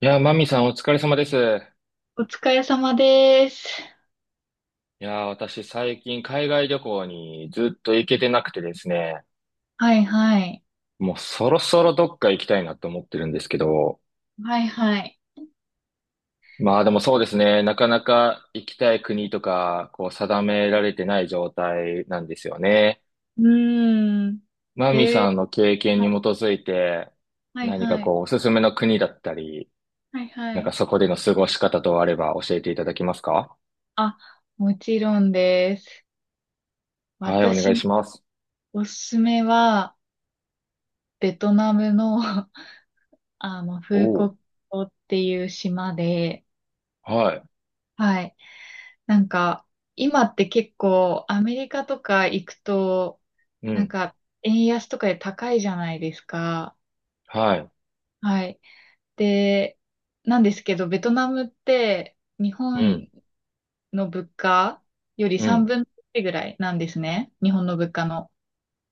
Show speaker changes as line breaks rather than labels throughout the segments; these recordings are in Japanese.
マミさん、お疲れ様です。
お疲れ様です。
私、最近海外旅行にずっと行けてなくてですね、
はいはい。
もうそろそろどっか行きたいなと思ってるんですけど、
はいはい。
まあでもそうですね、なかなか行きたい国とか、こう定められてない状態なんですよね。
うーん。
マミ
え
さん
ー、
の経験に基づいて、
はいはい。
こうおすすめの国だったり、
はいはい。
そこでの過ごし方とあれば教えていただけますか？
あ、もちろんです。
はい、お願い
私、
します。
おすすめは、ベトナムの、あの、フー
お
コ
ー、
ットっていう島で、
はい、
はい。なんか、今って結構、アメリカとか行くと、
う
なん
ん、
か、円安とかで高いじゃないですか。
はい、
はい。で、なんですけど、ベトナムって日
うん、
本の物価より
う
3
ん。
分の1ぐらいなんですね。日本の物価の。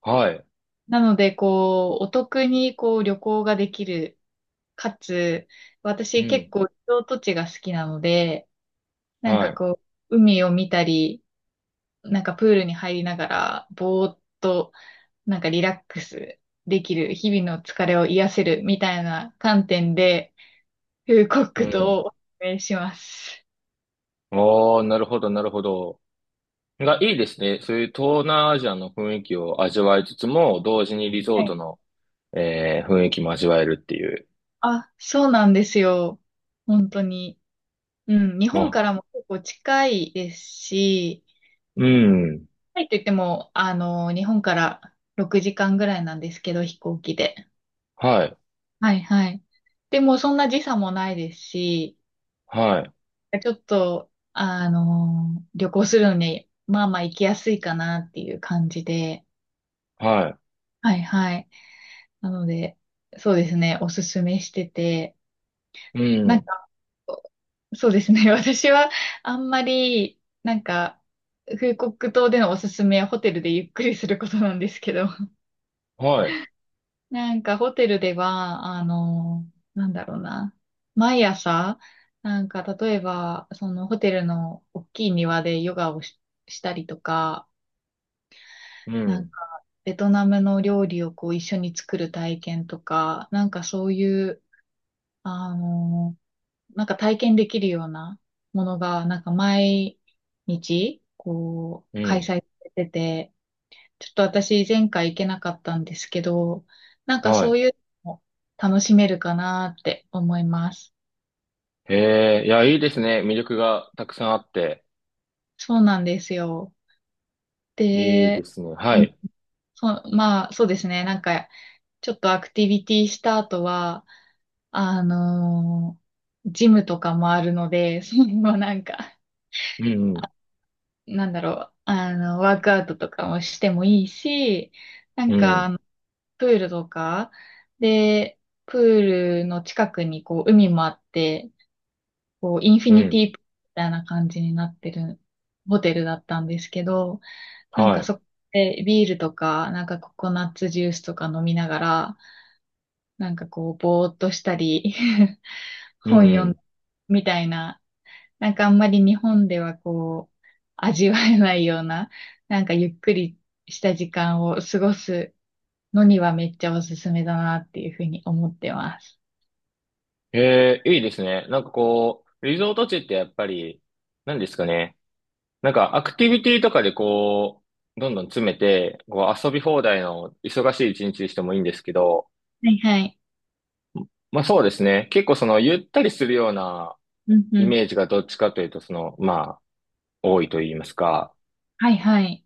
はい。
なので、こう、お得にこう旅行ができる。かつ、
う
私結
ん。
構リゾート地が好きなので、なんか
は
こう、海を見たり、なんかプールに入りながら、ぼーっと、なんかリラックスできる、日々の疲れを癒せるみたいな観点で、フーコッ
い。
ク
う
と
ん。
お勧めします。
おー、なるほど、なるほど。が、いいですね。そういう東南アジアの雰囲気を味わいつつも、同時にリゾートの、雰囲気も味わえるっていう。
あ、そうなんですよ。本当に。うん、日本か
あ、
らも結構近いですし、
うん。
近いといっても、あの、日本から6時間ぐらいなんですけど、飛行機で。
はい。
はいはい。でも、そんな時差もないですし、
はい。
ちょっと、あの、旅行するのに、まあまあ行きやすいかなっていう感じで。
は
はいはい。なので、そうですね、おすすめしてて。
い。う
なん
ん。
か、そうですね。私はあんまり、なんか、フーコック島でのおすすめはホテルでゆっくりすることなんですけど、
はい。
なんかホテルでは、あの、なんだろうな、毎朝、なんか例えば、そのホテルの大きい庭でヨガをしたりとか、
う
なん
ん。
かベトナムの料理をこう一緒に作る体験とか、なんかそういう、あのなんか体験できるようなものが、なんか毎日、こう、
う
開催
ん。
されてて、ちょっと私前回行けなかったんですけど、なんか
は
そう
い。
いうのも楽しめるかなって思います。
えー、いや、いいですね。魅力がたくさんあって。
そうなんですよ。
いいで
で、
すね。は
うん
い。
そう、まあそうですね。なんかちょっとアクティビティした後は、あのージムとかもあるので、それもなんか
うん。
なんだろう、あの、ワークアウトとかもしてもいいし、なん
う
か、あ
ん。
のプールとか、で、プールの近くにこう海もあって、こうインフィ
うん。
ニ
うん、
ティプールみたいな感じになってるホテルだったんですけど、なん
は
か
い。
そこでビールとか、なんかココナッツジュースとか飲みながら、なんかこうぼーっとしたり
う
本読ん
ん。
だりみたいななんかあんまり日本ではこう、味わえないような、なんかゆっくりした時間を過ごすのにはめっちゃおすすめだなっていうふうに思ってます。
ええ、いいですね。なんかこう、リゾート地ってやっぱり、何ですかね。なんかアクティビティとかでこう、どんどん詰めて、こう遊び放題の忙しい一日にしてもいいんですけど、
はいはい。
まあそうですね。結構そのゆったりするような
うんう
イ
ん。
メージがどっちかというと、その、まあ、多いと言いますか。
はいはい。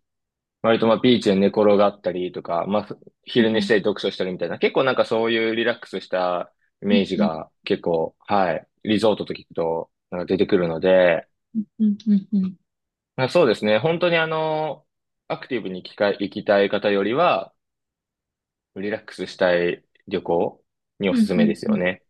割とまあビーチで寝転がったりとか、まあ
はい
昼寝
は
し
い。
たり読書したりみたいな、結構なんかそういうリラックスしたイ
う
メー
ん
ジ
うん。
が結構、はい、リゾートと聞くと、なんか出てくるので、
うんうんうんうん。
まあ、そうですね。本当にあの、アクティブに行きたい方よりは、リラックスしたい旅行にお
う
す
ん
すめ
う
で
ん
す
う
よ
ん
ね。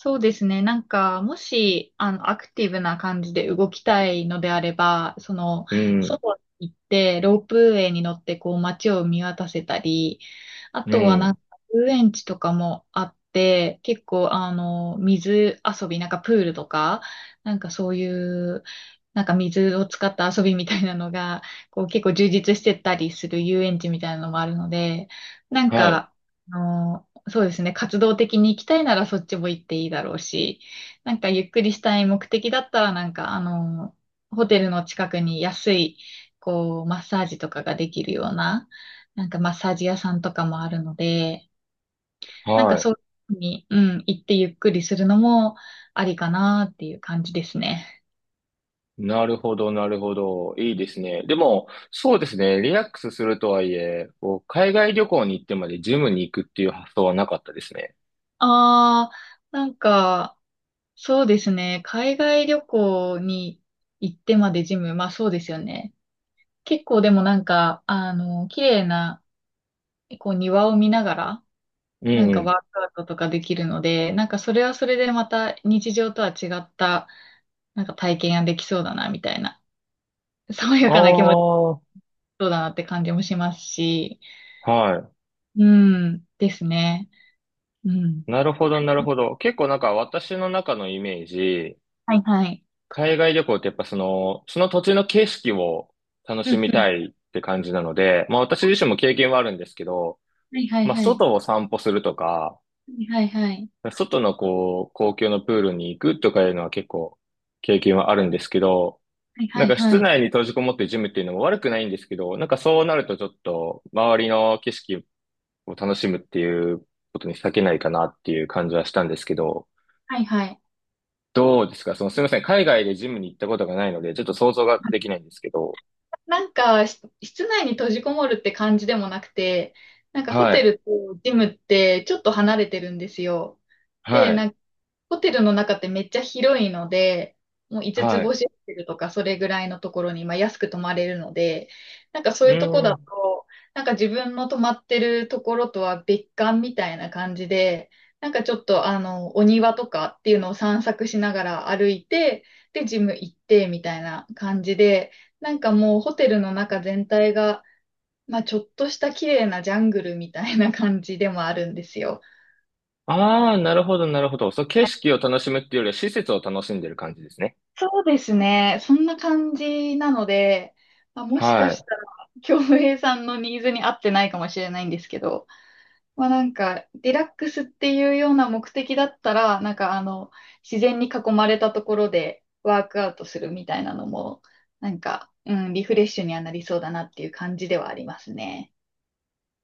そうですね。なんか、もし、あの、アクティブな感じで動きたいのであれば、その、
うん。
外に行って、ロープウェイに乗って、こう、街を見渡せたり、あ
う
とは、な
ん。
んか、遊園地とかもあって、結構、あの、水遊び、なんか、プールとか、なんか、そういう、なんか、水を使った遊びみたいなのが、こう、結構充実してたりする遊園地みたいなのもあるので、なん
はい。
か、あのそうですね、活動的に行きたいならそっちも行っていいだろうし、なんかゆっくりしたい目的だったら、なんかあの、ホテルの近くに安い、こう、マッサージとかができるような、なんかマッサージ屋さんとかもあるので、なん
は
か
い。
そういうふうに、うん、行ってゆっくりするのもありかなっていう感じですね。
なるほど、なるほど。いいですね。でも、そうですね。リラックスするとはいえ、こう海外旅行に行ってまでジムに行くっていう発想はなかったですね。
ああ、なんか、そうですね。海外旅行に行ってまでジム、まあそうですよね。結構でもなんか、あの、綺麗な、こう庭を見ながら、
う
な
ん
ん
う
かワー
ん。
クアウトとかできるので、なんかそれはそれでまた日常とは違った、なんか体験ができそうだな、みたいな、爽や
あ
かな気持ち
あ、
そうだなって感じもしますし、
は
うん、ですね。うん。
い。なるほど、なるほど。結構なんか私の中のイメージ、
はいはい。
海外旅行ってやっぱその、その土地の景色を楽
うん
し
う
み
ん。
たいって感じなので、まあ私自身も経験はあるんですけど、
はいはい
まあ
はい。
外を散歩するとか、
はいはいはい。
外のこう、公共のプールに行くとかいうのは結構経験はあるんですけど、
はい
な
は
ん
い
か
は
室
い。
内に閉じこもってジムっていうのも悪くないんですけど、なんかそうなるとちょっと周りの景色を楽しむっていうことに避けないかなっていう感じはしたんですけど、
はいはい。
どうですか、その、すみません。海外でジムに行ったことがないので、ちょっと想像ができないんですけど。
なんか、室内に閉じこもるって感じでもなくて、なんかホ
は
テ
い、
ルとジムってちょっと離れてるんですよ。
は
で、
い、
なんかホテルの中ってめっちゃ広いので、もう5つつ
はい。
星ホテルとかそれぐらいのところに、まあ、安く泊まれるので、なんか
う
そういうとこ
ー
だ
ん。
と、なんか自分の泊まってるところとは別館みたいな感じで、なんかちょっとあの、お庭とかっていうのを散策しながら歩いて、で、ジム行ってみたいな感じで、なんかもうホテルの中全体が、まあちょっとした綺麗なジャングルみたいな感じでもあるんですよ。
ああ、なるほど、なるほど。そう、景色を楽しむっていうよりは施設を楽しんでる感じですね。
そうですね。そんな感じなので、まあ、もしか
はい。
したら、京平さんのニーズに合ってないかもしれないんですけど、まあなんか、リラックスっていうような目的だったら、なんかあの、自然に囲まれたところでワークアウトするみたいなのも、なんか、うん、リフレッシュにはなりそうだなっていう感じではありますね。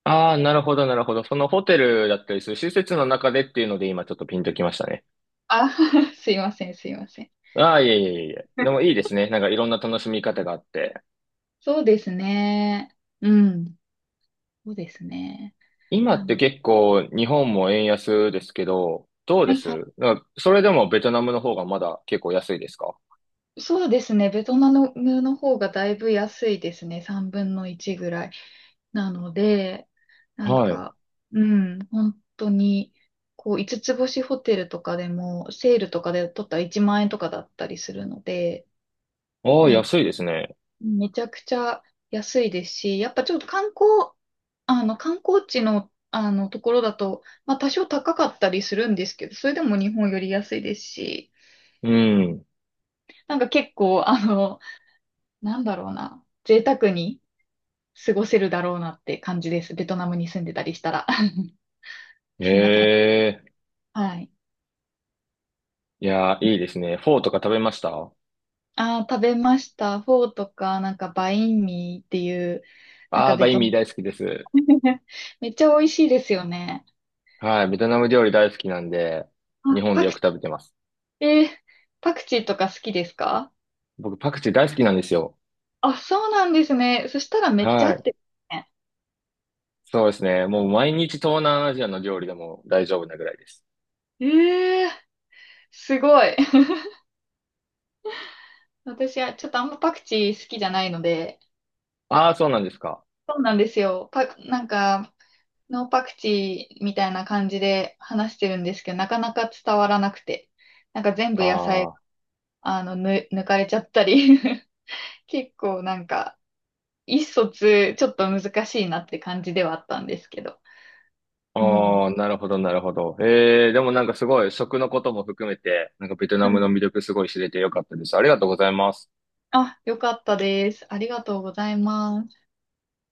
ああ、なるほど、なるほど。そのホテルだったりする施設の中でっていうので今ちょっとピンときましたね。
あ、すいません、すいません。
ああ、いえいえいえ。でもいいですね。なんかいろんな楽しみ方があって。
そうですね。うん。そうですね。
今
あ
って
の、
結構日本も円安ですけど、どう
は
で
いは
す
い。
なんかそれでもベトナムの方がまだ結構安いですか？
そうですね。ベトナムの方がだいぶ安いですね。3分の1ぐらい。なので、なん
はい。
か、うん、本当に、こう、5つつ星ホテルとかでも、セールとかで取ったら1万円とかだったりするので、
ああ、
なん
安いですね。
めちゃくちゃ安いですし、やっぱちょっと観光、あの、観光地の、あの、ところだと、まあ、多少高かったりするんですけど、それでも日本より安いですし、
うん。
なんか結構、あの、なんだろうな、贅沢に過ごせるだろうなって感じです。ベトナムに住んでたりしたら。そんな感じ。
ええ、
はい。
いやー、いいですね。フォーとか食べました？
ああ、食べました。フォーとか、なんかバインミーっていう、なん
あ
か
ー、
ベ
バイン
トナ
ミー
ム
大好きです。
めっちゃ美味しいですよね。
はい、ベトナム料理大好きなんで、日
あ、
本でよく食べてます。
えー、パクチーとか好きですか？
僕、パクチー大好きなんですよ。
あ、そうなんですね。そしたらめっちゃ合
は
っ
い、
てるね。
そうですね。もう毎日東南アジアの料理でも大丈夫なぐらいです。
えー、すごい。私はちょっとあんまパクチー好きじゃないので、
あー、そうなんですか。
そうなんですよ。なんか、ノーパクチーみたいな感じで話してるんですけど、なかなか伝わらなくて、なんか全部野菜、
ああ、
あの、抜かれちゃったり 結構なんか、意思疎通ちょっと難しいなって感じではあったんですけど。
あ
うん。
ー、なるほど、なるほど。えー、でもなんかすごい食のことも含めて、なんかベトナムの魅力すごい知れてよかったです。ありがとうございます。
あ、よかったです。ありがとうございます。